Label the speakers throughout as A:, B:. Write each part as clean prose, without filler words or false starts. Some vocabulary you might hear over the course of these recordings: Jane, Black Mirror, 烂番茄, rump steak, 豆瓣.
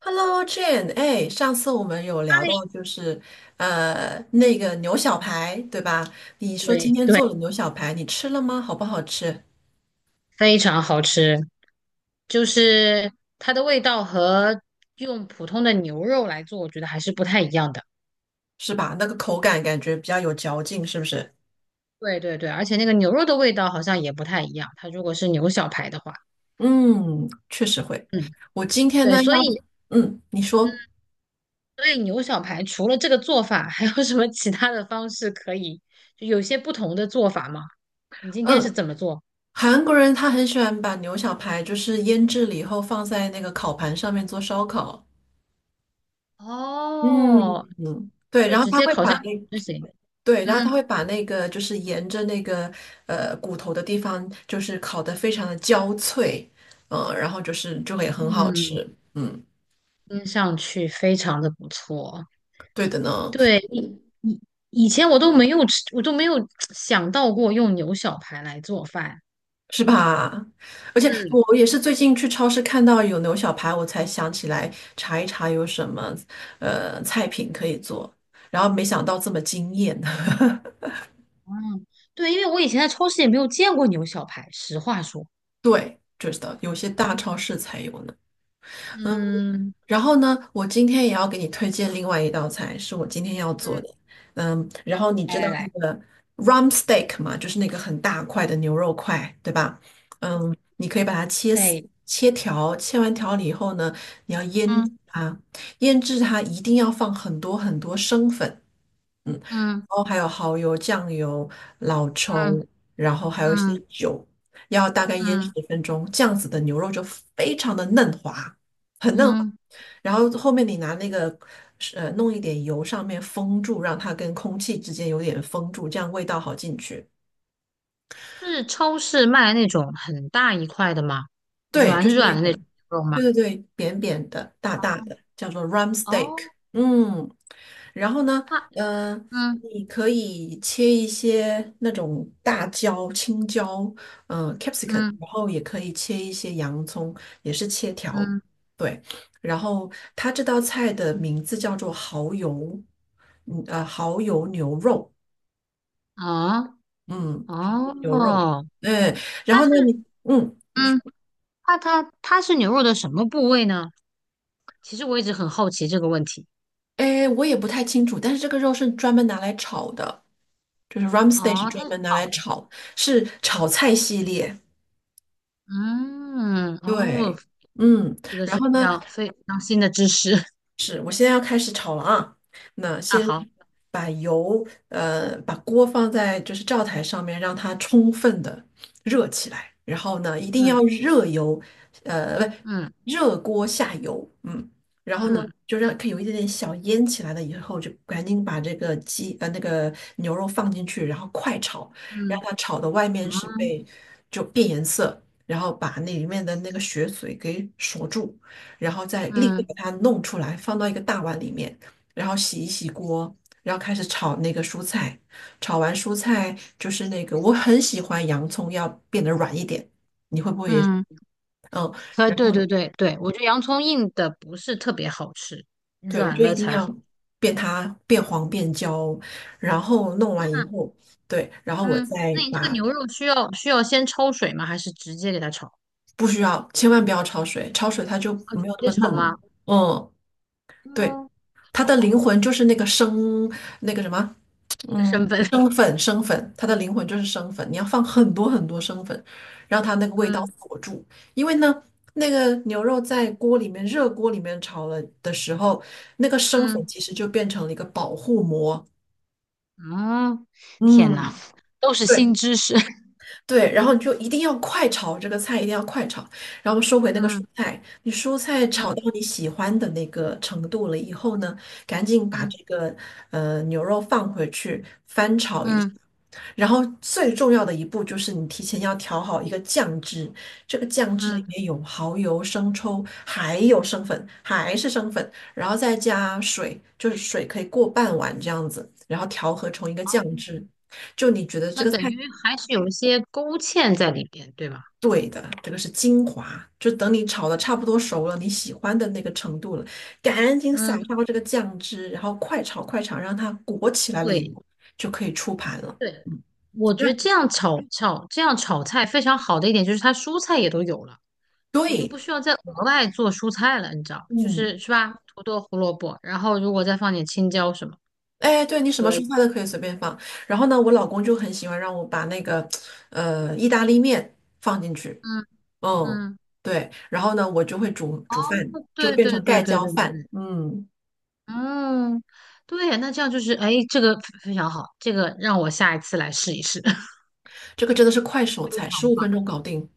A: Hello Jane，哎，上次我们有聊到就是那个牛小排，对吧？你说今
B: 对
A: 天
B: 对，
A: 做了牛小排，你吃了吗？好不好吃？
B: 非常好吃，就是它的味道和用普通的牛肉来做，我觉得还是不太一样的。
A: 是吧？那个口感感觉比较有嚼劲，是不是？
B: 对对对，而且那个牛肉的味道好像也不太一样，它如果是牛小排的话。
A: 嗯，确实会。
B: 嗯，
A: 我今天
B: 对，
A: 呢
B: 所
A: 要，
B: 以。
A: 嗯，你
B: 嗯，
A: 说，
B: 所以牛小排除了这个做法，还有什么其他的方式可以，就有些不同的做法吗？你今天是
A: 嗯，
B: 怎么做？
A: 韩国人他很喜欢把牛小排就是腌制了以后放在那个烤盘上面做烧烤。嗯
B: 哦，
A: 嗯，对，
B: 就
A: 然后
B: 直
A: 他
B: 接
A: 会
B: 烤
A: 把
B: 箱
A: 那
B: 就行。
A: 对，然后他会
B: 嗯，
A: 把那个就是沿着那个骨头的地方，就是烤得非常的焦脆，嗯、然后就是就会很好吃，
B: 嗯，
A: 嗯，
B: 听上去非常的不错。
A: 对的呢，
B: 对，以前我都没有吃，我都没有想到过用牛小排来做饭。
A: 是吧？而且
B: 嗯。
A: 我也是最近去超市看到有牛小排，我才想起来查一查有什么菜品可以做，然后没想到这么惊艳，
B: 嗯，对，因为我以前在超市也没有见过牛小排，实话说。
A: 对，就是的，有些大超市才有呢。嗯
B: 嗯。
A: 然后呢，我今天也要给你推荐另外一道菜，是我今天要做的。
B: 嗯，
A: 嗯，然后你
B: 来
A: 知道
B: 来
A: 那
B: 来。
A: 个 rump steak 嘛，就是那个很大块的牛肉块，对吧？嗯，你可以把它切丝
B: 对。
A: 切条，切完条了以后呢，你要腌制
B: 嗯。
A: 它一定要放很多很多生粉，嗯，然
B: 嗯。
A: 后还有蚝油、酱油、老
B: 嗯。
A: 抽，然后还有一些
B: 嗯。
A: 酒，要大概腌十
B: 嗯。
A: 分钟，这样子的牛肉就非常的嫩滑，很嫩滑。
B: 嗯，
A: 然后后面你拿那个弄一点油上面封住，让它跟空气之间有点封住，这样味道好进去。
B: 是超市卖那种很大一块的吗？
A: 对，就
B: 软
A: 是那
B: 软的那
A: 个。
B: 种吗？
A: 对对对，扁扁的、大大的，叫做 r u m steak。
B: 哦。
A: 嗯，然后呢，
B: 那。
A: 呃，
B: 嗯。
A: 你可以切一些那种大椒、青椒，嗯、capsicum
B: 嗯。
A: 然后也可以切一些洋葱，也是切条。
B: 嗯。
A: 对，然后它这道菜的名字叫做蚝油，蚝油牛肉，
B: 哦。
A: 嗯，蚝油牛肉，
B: 哦，
A: 嗯，然
B: 它
A: 后
B: 是。
A: 呢，你。
B: 嗯它是牛肉的什么部位呢？其实我一直很好奇这个问题。
A: 哎，我也不太清楚，但是这个肉是专门拿来炒的，就是 r a m s t e i 是
B: 哦，
A: 专门拿
B: 它。
A: 来炒，是炒菜系列。
B: 嗯。哦，
A: 对，嗯，然后
B: 非
A: 呢，
B: 常非常新的知识。
A: 是，我现在要开始炒了啊。那
B: 啊！
A: 先
B: 好。
A: 把油，把锅放在就是灶台上面，让它充分的热起来。然后呢，一定要
B: 嗯。
A: 热油，呃，不，
B: 嗯。
A: 热锅下油，嗯。然后呢，
B: 嗯。
A: 就让可以有一点点小烟起来了以后，就赶紧把这个那个牛肉放进去，然后快炒，让
B: 嗯。
A: 它炒的外面是
B: 嗯。
A: 被就变颜色，然后把那里面的那个血水给锁住。然后再立刻
B: 嗯。
A: 把它弄出来，放到一个大碗里面，然后洗一洗锅，然后开始炒那个蔬菜。炒完蔬菜就是那个，我很喜欢洋葱要变得软一点，你会不会也？
B: 嗯，
A: 嗯，然
B: 对
A: 后
B: 对对对，我觉得洋葱硬的不是特别好吃，
A: 对，我
B: 软
A: 就一
B: 了
A: 定
B: 才
A: 要
B: 好。
A: 变它变黄变焦，然后弄完
B: 那。
A: 以后，对，然后我
B: 嗯，
A: 再
B: 那你这个
A: 把
B: 牛肉需要先焯水吗？还是直接给它炒？
A: 不需要，千万不要焯水，焯水它就
B: 啊，直
A: 没有
B: 接
A: 那么
B: 炒
A: 嫩了。
B: 吗？
A: 嗯，对，
B: 嗯，
A: 它的
B: 好，
A: 灵魂就是那个生那个什么
B: 一个
A: 嗯，
B: 身份。
A: 生粉生粉，它的灵魂就是生粉，你要放很多很多生粉，让它那个味道
B: 嗯。
A: 锁住。因为呢，那个牛肉在锅里面热锅里面炒了的时候，那个生粉
B: 嗯。
A: 其实就变成了一个保护膜。
B: 嗯，天呐，
A: 嗯，
B: 都是新
A: 对，
B: 知识。
A: 对，然后你就一定要快炒这个菜，一定要快炒，然后收回那个蔬
B: 嗯。
A: 菜。你蔬菜炒到
B: 嗯。
A: 你喜欢的那个程度了以后呢，赶紧把
B: 嗯。
A: 这个牛肉放回去翻炒一下。
B: 嗯。
A: 然后最重要的一步就是你提前要调好一个酱汁，这个酱汁里
B: 嗯，
A: 面有蚝油、生抽，还有生粉，还是生粉，然后再加水，就是水可以过半碗这样子，然后调和成一个酱汁。就你觉得这
B: 那
A: 个菜。
B: 等于还是有一些勾芡在里边，对吧？
A: 对的，这个是精华，就等你炒的差不多熟了，你喜欢的那个程度了，赶紧撒
B: 嗯，
A: 上这个酱汁，然后快炒快炒，让它裹起来了以
B: 对
A: 后，就可以出盘了。
B: 对，
A: 嗯，
B: 我
A: 那
B: 觉得这样炒菜非常好的一点就是它蔬菜也都有了，我就不
A: 对，
B: 需要再额外做蔬菜了，你知道，就
A: 嗯，
B: 是是吧？土豆、胡萝卜，然后如果再放点青椒什么。
A: 哎，对你什么
B: 可以。
A: 蔬菜都可以随便放。然后呢，我老公就很喜欢让我把那个意大利面放进去，
B: 嗯。
A: 嗯，
B: 嗯，
A: 对，然后呢，我就会煮煮饭，就
B: 对
A: 变
B: 对对
A: 成
B: 对
A: 盖
B: 对
A: 浇
B: 对
A: 饭。
B: 对。
A: 嗯，
B: 嗯，对，那这样就是，哎，这个非常好，这个让我下一次来试一试。非
A: 这个真的是快手菜，15分钟
B: 棒。
A: 搞定。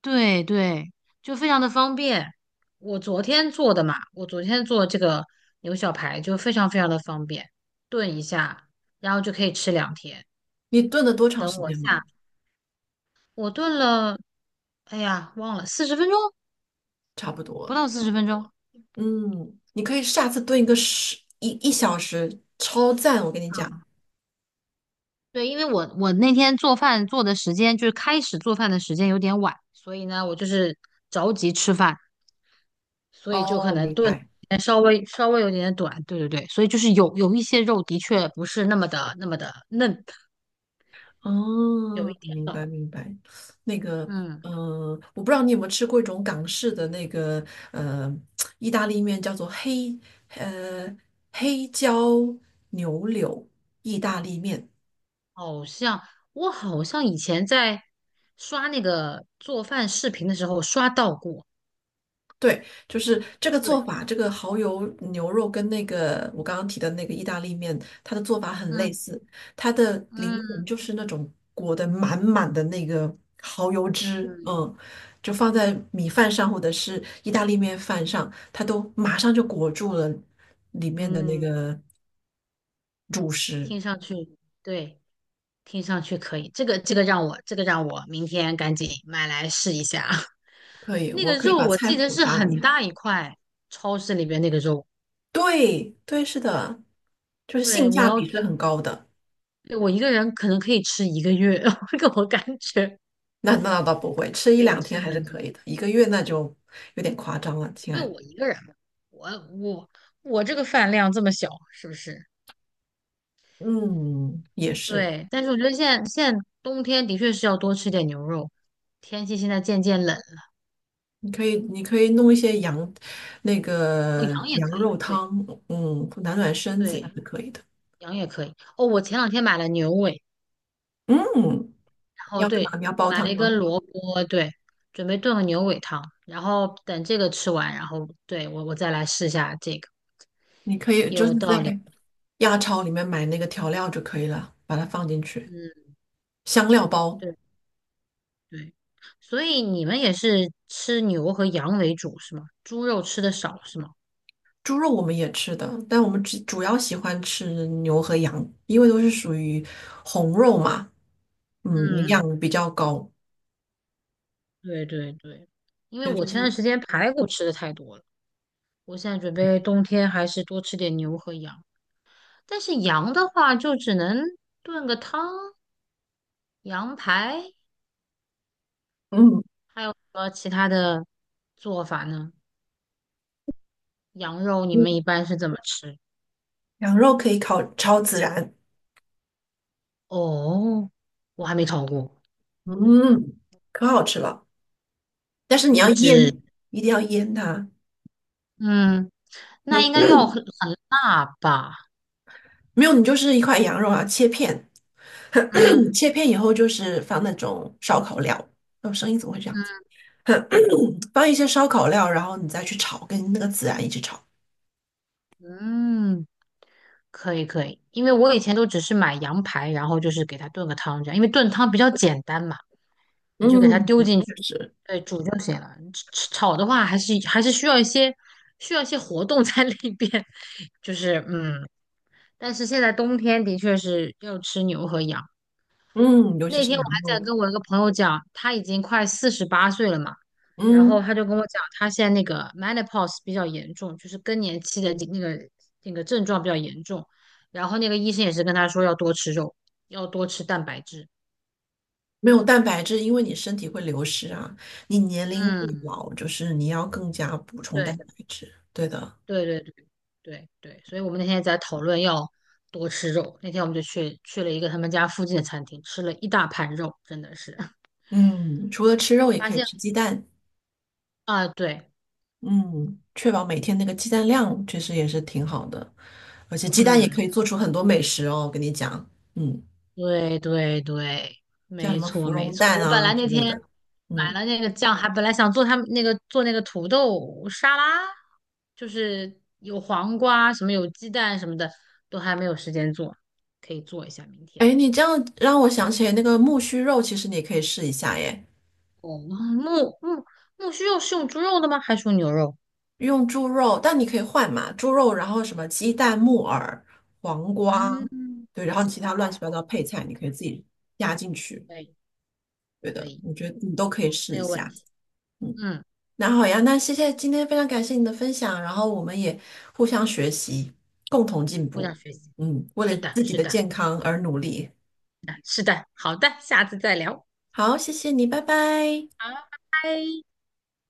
B: 对对，就非常的方便。我昨天做的嘛，我昨天做这个牛小排就非常非常的方便，炖一下，然后就可以吃两天。
A: 你炖了多长
B: 等
A: 时
B: 我
A: 间吗？
B: 下，我炖了，哎呀，忘了四十分钟，
A: 差不
B: 不
A: 多。
B: 到四十分钟。
A: 嗯，你可以下次炖一个一小时，超赞！我跟你讲。
B: 对，因为我那天做饭做的时间就是开始做饭的时间有点晚，所以呢，我就是着急吃饭。所以就可
A: 哦，
B: 能
A: 明
B: 炖
A: 白。
B: 得稍微有点点短。对对对，所以就是有一些肉的确不是那么的嫩，有一
A: 哦，
B: 点
A: 明白
B: 老。
A: 明白。那个，
B: 嗯，
A: 嗯、我不知道你有没有吃过一种港式的那个，呃，意大利面叫做黑，呃，黑椒牛柳意大利面。
B: 好像我好像以前在刷那个做饭视频的时候刷到过。
A: 对，就是这个做
B: 对。
A: 法，这个蚝油牛肉跟那个我刚刚提的那个意大利面，它的做法很类
B: 嗯。
A: 似。它的灵
B: 嗯。
A: 魂就是那种裹得满满的那个蚝油汁，
B: 嗯。
A: 嗯，就放在米饭上或者是意大利面饭上，它都马上就裹住了里面的那
B: 嗯，
A: 个主食。
B: 听上去。对，听上去可以，这个让我让我明天赶紧买来试一下。
A: 可以，
B: 那
A: 我
B: 个
A: 可以
B: 肉
A: 把
B: 我
A: 菜
B: 记得
A: 谱
B: 是
A: 发
B: 很
A: 你。
B: 大一块，超市里边那个肉。
A: 对，对，是的，就是
B: 对，
A: 性
B: 我
A: 价
B: 要。
A: 比是很高的。
B: 对，我一个人可能可以吃1个月。这我感觉
A: 那那倒不会，吃一
B: 可以
A: 两
B: 吃
A: 天还是
B: 很久，
A: 可以的，一个月那就有点夸张了，
B: 因
A: 亲
B: 为
A: 爱的。
B: 我一个人嘛。我我我这个饭量这么小，是不是？
A: 嗯，也是，
B: 对，但是我觉得现在冬天的确是要多吃点牛肉，天气现在渐渐冷。
A: 你可以你可以弄一些羊，那
B: 哦，
A: 个
B: 羊也
A: 羊
B: 可以。
A: 肉
B: 对。
A: 汤，嗯，暖暖身子也
B: 对，
A: 是可以的。
B: 羊也可以。哦，我前两天买了牛尾，
A: 嗯，
B: 然
A: 你
B: 后
A: 要干嘛？
B: 对，
A: 你要煲
B: 买了
A: 汤
B: 1根
A: 吗？
B: 萝卜，对，准备炖个牛尾汤，然后等这个吃完，然后对我再来试一下这个。
A: 你可以就
B: 有
A: 是在
B: 道理。
A: 亚超里面买那个调料就可以了，把它放进去，
B: 嗯。
A: 香料包。
B: 对。对，所以你们也是吃牛和羊为主是吗？猪肉吃的少是吗？
A: 猪肉我们也吃的，但我们只主要喜欢吃牛和羊，因为都是属于红肉嘛，嗯，营
B: 嗯，
A: 养比较高，
B: 对对对，因为
A: 尤
B: 我
A: 其
B: 前段
A: 是
B: 时间排骨吃的太多了，我现在准备冬天还是多吃点牛和羊。但是羊的话，就只能炖个汤，羊排，
A: 嗯，
B: 和其他的做法呢？羊肉你们
A: 嗯
B: 一般是怎么吃？
A: 羊肉可以烤超孜然，
B: 哦，我还没烤过。
A: 嗯，可好吃了。但是你
B: 我
A: 要
B: 只。
A: 腌，一定要腌它，
B: 嗯，那应该要很辣吧？
A: 没有你就是一块羊肉啊，切片，
B: 嗯。
A: 切片以后就是放那种烧烤料。哦，声音怎么会这样子？
B: 嗯。
A: 放一些烧烤料，然后你再去炒，跟那个孜然一起炒。
B: 嗯，可以可以，因为我以前都只是买羊排，然后就是给它炖个汤这样，因为炖汤比较简单嘛，你就给它
A: 嗯，
B: 丢进去。
A: 确实。
B: 对，煮就行了。炒的话，还是需要一些活动在里边。就是嗯，但是现在冬天的确是要吃牛和羊，
A: 嗯，尤其
B: 那
A: 是
B: 天我
A: 羊
B: 还在
A: 肉，
B: 跟我一个朋友讲，他已经快48岁了嘛，然后
A: 嗯，
B: 他就跟我讲，他现在那个 menopause 比较严重，就是更年期的那个那个症状比较严重，然后那个医生也是跟他说要多吃肉，要多吃蛋白质。
A: 没有蛋白质，因为你身体会流失啊。你年龄越
B: 嗯，
A: 老，就是你要更加补充蛋白
B: 对
A: 质。对的，
B: 对对对对对，所以我们那天在讨论要多吃肉，那天我们就去了一个他们家附近的餐厅，吃了一大盘肉，真的是。
A: 嗯，除了吃肉，也
B: 发
A: 可以
B: 现。
A: 吃鸡蛋，
B: 啊，对。
A: 嗯，确保每天那个鸡蛋量，确实也是挺好的。而且鸡蛋也可
B: 嗯。
A: 以做出很多美食哦，我跟你讲，嗯，
B: 对对对，
A: 像什
B: 没
A: 么
B: 错
A: 芙
B: 没
A: 蓉
B: 错。
A: 蛋
B: 我本
A: 啊
B: 来那
A: 之类
B: 天
A: 的，
B: 买
A: 嗯，
B: 了那个酱，还本来想做他们那个做那个土豆沙拉，就是有黄瓜什么有鸡蛋什么的，都还没有时间做，可以做一下明天。
A: 哎，你这样让我想起那个木须肉，其实你也可以试一下耶。
B: 哦，木须肉是用猪肉的吗？还是用牛肉？
A: 用猪肉，但你可以换嘛，猪肉，然后什么鸡蛋、木耳、黄瓜，
B: 嗯，
A: 对，然后其他乱七八糟配菜，你可以自己加进去。
B: 可以
A: 对
B: 可
A: 的，
B: 以，
A: 我觉得你都可以试
B: 没
A: 一
B: 有问
A: 下。
B: 题。
A: 嗯，
B: 嗯，
A: 那好呀，那谢谢今天非常感谢你的分享，然后我们也互相学习，共同进
B: 互相
A: 步。
B: 学习。
A: 嗯，为
B: 是
A: 了
B: 的
A: 自己
B: 是
A: 的
B: 的
A: 健康而努力。
B: 是的，好的，下次再聊。
A: 好，谢谢你，拜拜。
B: 好，拜拜。